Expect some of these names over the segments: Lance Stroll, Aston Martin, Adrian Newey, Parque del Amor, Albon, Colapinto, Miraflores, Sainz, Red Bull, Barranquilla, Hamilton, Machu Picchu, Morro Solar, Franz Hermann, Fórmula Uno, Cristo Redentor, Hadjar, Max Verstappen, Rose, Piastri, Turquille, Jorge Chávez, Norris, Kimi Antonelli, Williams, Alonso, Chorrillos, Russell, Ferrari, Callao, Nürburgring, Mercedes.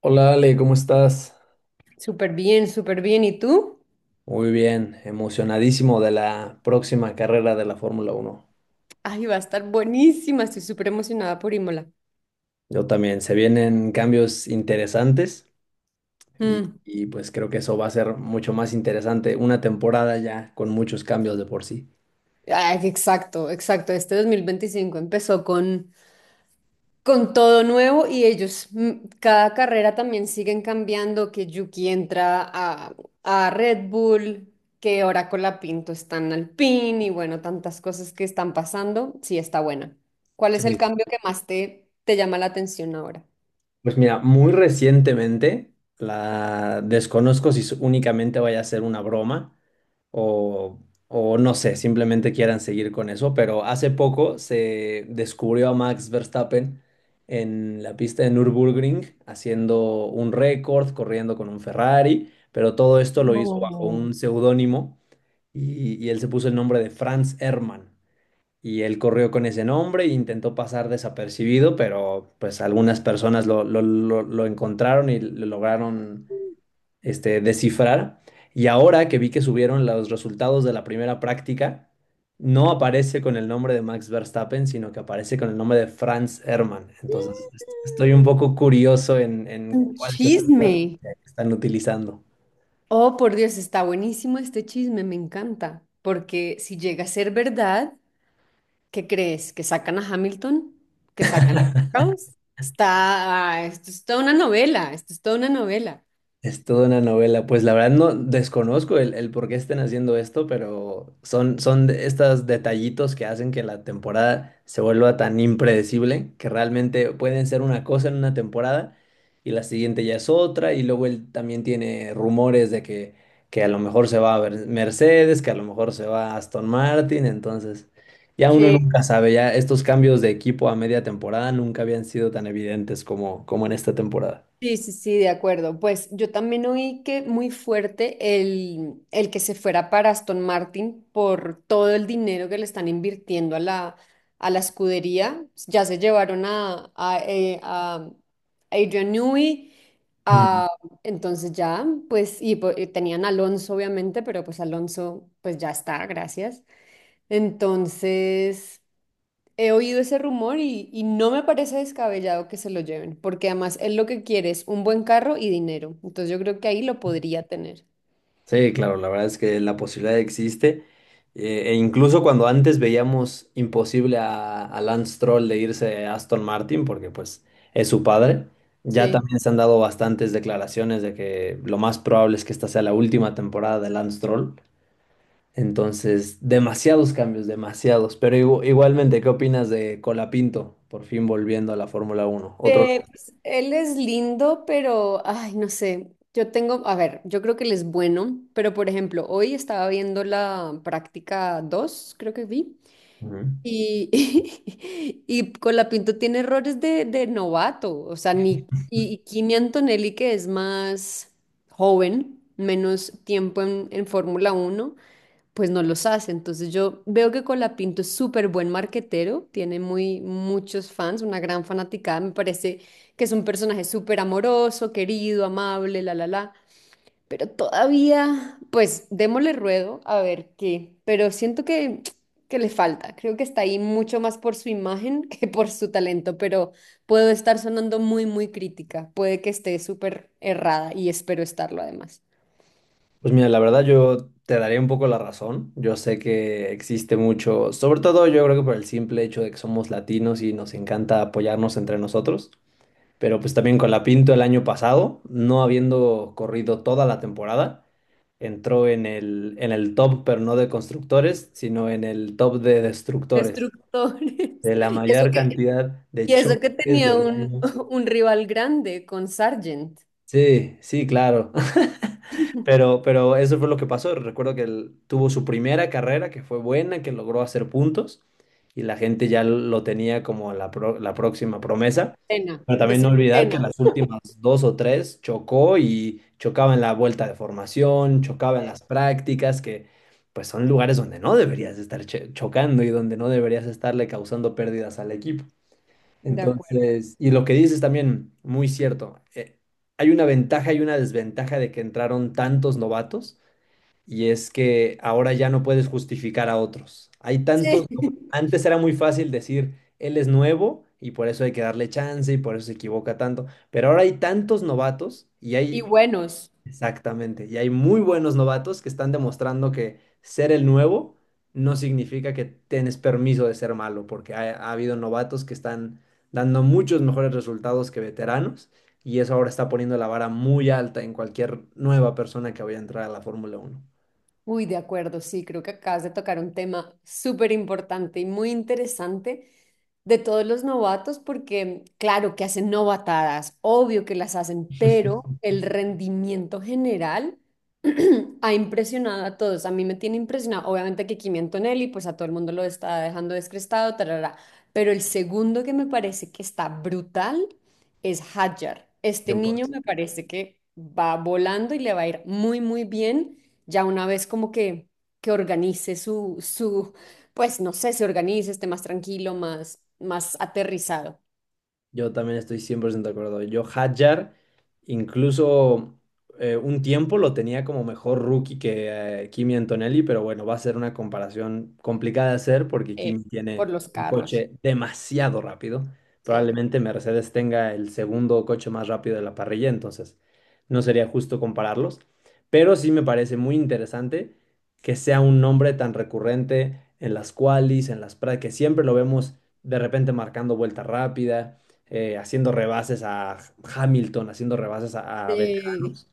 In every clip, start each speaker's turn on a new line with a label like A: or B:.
A: Hola Ale, ¿cómo estás?
B: Súper bien, súper bien. ¿Y tú?
A: Muy bien, emocionadísimo de la próxima carrera de la Fórmula Uno.
B: Ay, va a estar buenísima. Estoy súper emocionada por Imola.
A: Yo también, se vienen cambios interesantes y,
B: Mm.
A: y, pues creo que eso va a ser mucho más interesante, una temporada ya con muchos cambios de por sí.
B: Ay, exacto, exacto. Este 2025 empezó con todo nuevo y ellos, cada carrera también siguen cambiando, que Yuki entra a Red Bull, que ahora con la Pinto están al PIN y bueno, tantas cosas que están pasando. Sí, está buena. ¿Cuál
A: Sí.
B: es el cambio que más te llama la atención ahora?
A: Pues mira, muy recientemente, la desconozco si únicamente vaya a ser una broma, o, no sé, simplemente quieran seguir con eso, pero hace poco se descubrió a Max Verstappen en la pista de Nürburgring haciendo un récord, corriendo con un Ferrari, pero todo esto lo hizo bajo un seudónimo y él se puso el nombre de Franz Hermann. Y él corrió con ese nombre e intentó pasar desapercibido, pero pues algunas personas lo encontraron y lo lograron descifrar. Y ahora que vi que subieron los resultados de la primera práctica, no aparece con el nombre de Max Verstappen, sino que aparece con el nombre de Franz Hermann. Entonces, estoy un poco curioso en
B: Un
A: cuál es esta
B: chisme.
A: estrategia que están utilizando.
B: Oh, por Dios, está buenísimo este chisme, me encanta. Porque si llega a ser verdad, ¿qué crees? ¿Que sacan a Hamilton? ¿Que sacan a Rose? Está, ah, esto es toda una novela, esto es toda una novela.
A: Es toda una novela. Pues la verdad no desconozco el por qué estén haciendo esto, pero son de estos detallitos que hacen que la temporada se vuelva tan impredecible, que realmente pueden ser una cosa en una temporada y la siguiente ya es otra, y luego él también tiene rumores de que a lo mejor se va a ver Mercedes, que a lo mejor se va a Aston Martin, entonces ya uno
B: Sí.
A: nunca sabe, ya estos cambios de equipo a media temporada nunca habían sido tan evidentes como, como en esta temporada.
B: Sí, sí, sí, de acuerdo. Pues yo también oí que muy fuerte el que se fuera para Aston Martin por todo el dinero que le están invirtiendo a a la escudería. Ya se llevaron a Adrian Newey, a- entonces ya, pues, y tenían a Alonso obviamente, pero pues Alonso pues ya está, gracias. Entonces, he oído ese rumor y no me parece descabellado que se lo lleven, porque además él lo que quiere es un buen carro y dinero. Entonces yo creo que ahí lo podría tener.
A: Sí, claro, la verdad es que la posibilidad existe. E incluso cuando antes veíamos imposible a, Lance Stroll de irse a Aston Martin, porque pues es su padre, ya
B: Sí.
A: también se han dado bastantes declaraciones de que lo más probable es que esta sea la última temporada de Lance Stroll. Entonces, demasiados cambios, demasiados. Pero igualmente, ¿qué opinas de Colapinto por fin volviendo a la Fórmula Uno? Otro.
B: Pues, él es lindo, pero, ay, no sé. Yo tengo, a ver, yo creo que él es bueno, pero por ejemplo, hoy estaba viendo la práctica 2 creo que vi.
A: Ujú.
B: Y, y Colapinto tiene errores de novato, o sea, ni, y Kimi Antonelli, que es más joven, menos tiempo en Fórmula Uno, pues no los hace. Entonces yo veo que Colapinto es súper buen marquetero, tiene muchos fans, una gran fanaticada, me parece que es un personaje súper amoroso, querido, amable, la. Pero todavía, pues démosle ruedo a ver qué. Pero siento que le falta. Creo que está ahí mucho más por su imagen que por su talento. Pero puedo estar sonando muy crítica. Puede que esté súper errada y espero estarlo además.
A: Pues mira, la verdad yo te daría un poco la razón. Yo sé que existe mucho, sobre todo yo creo que por el simple hecho de que somos latinos y nos encanta apoyarnos entre nosotros. Pero pues también con la Pinto el año pasado, no habiendo corrido toda la temporada, entró en el top, pero no de constructores, sino en el top de destructores,
B: Destructores.
A: de la mayor cantidad de
B: Y eso que
A: choques,
B: tenía
A: de
B: un,
A: daños.
B: un rival grande con Sargent.
A: Sí, sí, claro. Pero eso fue lo que pasó. Recuerdo que él tuvo su primera carrera, que fue buena, que logró hacer puntos, y la gente ya lo tenía como la próxima promesa.
B: Cena,
A: Pero también no
B: decía
A: olvidar que en
B: Cena.
A: las últimas dos o tres chocó y chocaba en la vuelta de formación, chocaba en
B: Eh,
A: las prácticas, que pues son lugares donde no deberías estar chocando y donde no deberías estarle causando pérdidas al equipo.
B: De acuerdo.
A: Entonces, y lo que dices también, muy cierto. Hay una ventaja y una desventaja de que entraron tantos novatos, y es que ahora ya no puedes justificar a otros. Hay
B: Sí.
A: tantos. Antes era muy fácil decir, él es nuevo y por eso hay que darle chance y por eso se equivoca tanto. Pero ahora hay tantos novatos y
B: Y
A: hay.
B: buenos.
A: Exactamente. Y hay muy buenos novatos que están demostrando que ser el nuevo no significa que tienes permiso de ser malo, porque ha habido novatos que están dando muchos mejores resultados que veteranos y eso ahora está poniendo la vara muy alta en cualquier nueva persona que vaya a entrar a la Fórmula Uno.
B: Uy, de acuerdo, sí, creo que acabas de tocar un tema súper importante y muy interesante de todos los novatos, porque claro que hacen novatadas, obvio que las hacen, pero el rendimiento general ha impresionado a todos. A mí me tiene impresionado, obviamente que Kimi Antonelli, pues a todo el mundo lo está dejando descrestado, tarara. Pero el segundo que me parece que está brutal es Hadjar. Este
A: Cien por
B: niño me
A: 100%.
B: parece que va volando y le va a ir muy, muy bien. Ya una vez como que organice su, pues no sé, se organice, esté más tranquilo, más aterrizado,
A: Yo también estoy 100% de acuerdo. Yo Hadjar, incluso un tiempo lo tenía como mejor rookie que Kimi Antonelli, pero bueno, va a ser una comparación complicada de hacer porque
B: eh,
A: Kimi
B: por
A: tiene
B: los
A: un
B: carros.
A: coche demasiado rápido.
B: Sí.
A: Probablemente Mercedes tenga el segundo coche más rápido de la parrilla, entonces no sería justo compararlos. Pero sí me parece muy interesante que sea un nombre tan recurrente en las qualis, en las prácticas, que siempre lo vemos de repente marcando vuelta rápida haciendo rebases a Hamilton, haciendo rebases a,
B: Sí,
A: veteranos.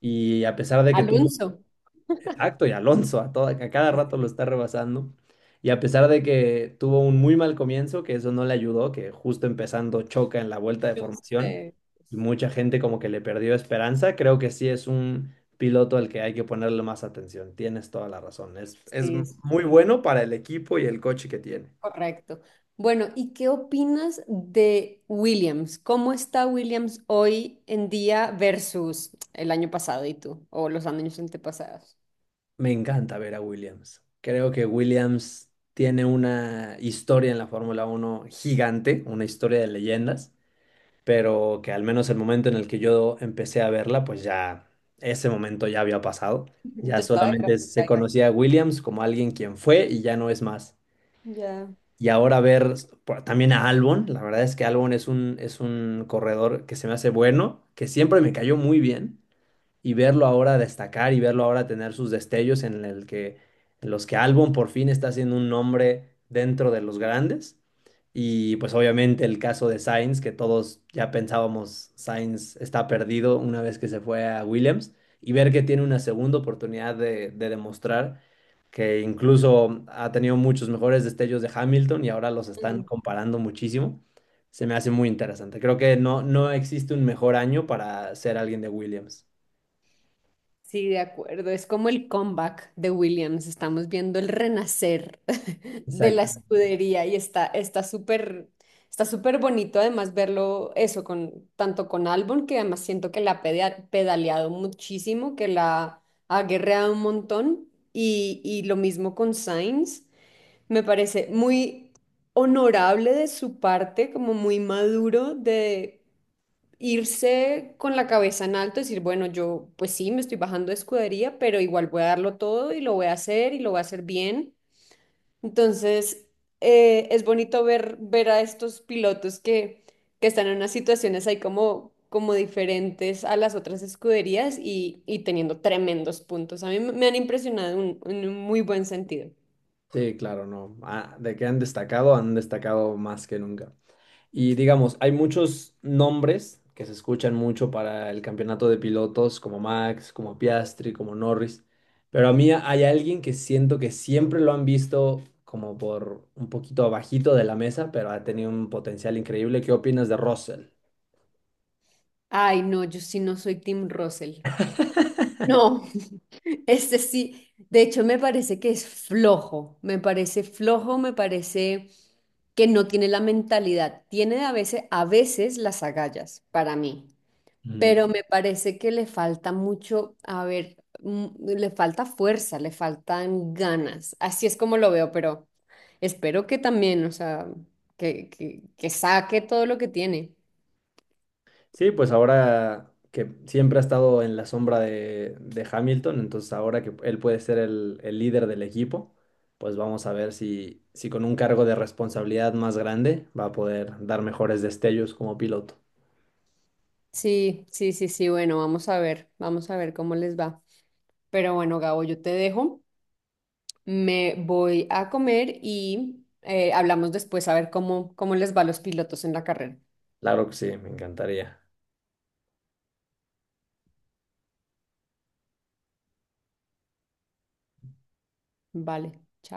A: Y a pesar de que tuvo,
B: Alonso.
A: exacto, y Alonso a cada rato lo está rebasando. Y a pesar de que tuvo un muy mal comienzo, que eso no le ayudó, que justo empezando choca en la vuelta de
B: Yo
A: formación,
B: sé.
A: y mucha gente como que le perdió esperanza, creo que sí es un piloto al que hay que ponerle más atención. Tienes toda la razón. Es
B: Sí, sí,
A: muy
B: sí,
A: bueno para el equipo y el coche que tiene.
B: correcto. Bueno, ¿y qué opinas de Williams? ¿Cómo está Williams hoy en día versus el año pasado y tú, o los años antepasados?
A: Me encanta ver a Williams. Creo que Williams tiene una historia en la Fórmula Uno gigante, una historia de leyendas, pero que al menos el momento en el que yo empecé a verla, pues ya ese momento ya había pasado. Ya
B: Ya estaba de capa
A: solamente se
B: caída.
A: conocía a Williams como alguien quien fue y ya no es más.
B: Ya.
A: Y ahora ver también a Albon, la verdad es que Albon es un corredor que se me hace bueno, que siempre me cayó muy bien y verlo ahora destacar y verlo ahora tener sus destellos en los que Albon por fin está haciendo un nombre dentro de los grandes. Y pues obviamente el caso de Sainz, que todos ya pensábamos Sainz está perdido una vez que se fue a Williams, y ver que tiene una segunda oportunidad de demostrar que incluso ha tenido muchos mejores destellos de Hamilton y ahora los están comparando muchísimo, se me hace muy interesante. Creo que no existe un mejor año para ser alguien de Williams.
B: Sí, de acuerdo. Es como el comeback de Williams. Estamos viendo el renacer de la
A: Exacto.
B: escudería y está, está súper bonito además verlo eso con tanto con Albon, que además siento que la ha pedaleado muchísimo, que la ha guerreado un montón, y lo mismo con Sainz. Me parece muy honorable de su parte, como muy maduro de irse con la cabeza en alto, decir, bueno, yo pues sí, me estoy bajando de escudería, pero igual voy a darlo todo y lo voy a hacer y lo voy a hacer bien. Entonces, es bonito ver, ver a estos pilotos que están en unas situaciones ahí como, como diferentes a las otras escuderías y teniendo tremendos puntos. A mí me han impresionado en un muy buen sentido.
A: Sí, claro, no. Ah, de que han destacado más que nunca. Y digamos, hay muchos nombres que se escuchan mucho para el campeonato de pilotos, como Max, como Piastri, como Norris. Pero a mí hay alguien que siento que siempre lo han visto como por un poquito abajito de la mesa, pero ha tenido un potencial increíble. ¿Qué opinas de Russell?
B: Ay, no, yo sí no soy Team Russell. No. Este sí, de hecho me parece que es flojo, me parece que no tiene la mentalidad, tiene a veces las agallas para mí, pero me parece que le falta mucho, a ver, le falta fuerza, le faltan ganas, así es como lo veo, pero espero que también, o sea, que saque todo lo que tiene.
A: Sí, pues ahora que siempre ha estado en la sombra de Hamilton, entonces ahora que él puede ser el líder del equipo, pues vamos a ver si con un cargo de responsabilidad más grande va a poder dar mejores destellos como piloto.
B: Sí, sí, sí, sí, bueno, vamos a ver cómo les va. Pero bueno, Gabo, yo te dejo. Me voy a comer y hablamos después a ver cómo, cómo les va a los pilotos en la carrera.
A: Claro que sí, me encantaría.
B: Vale, chao.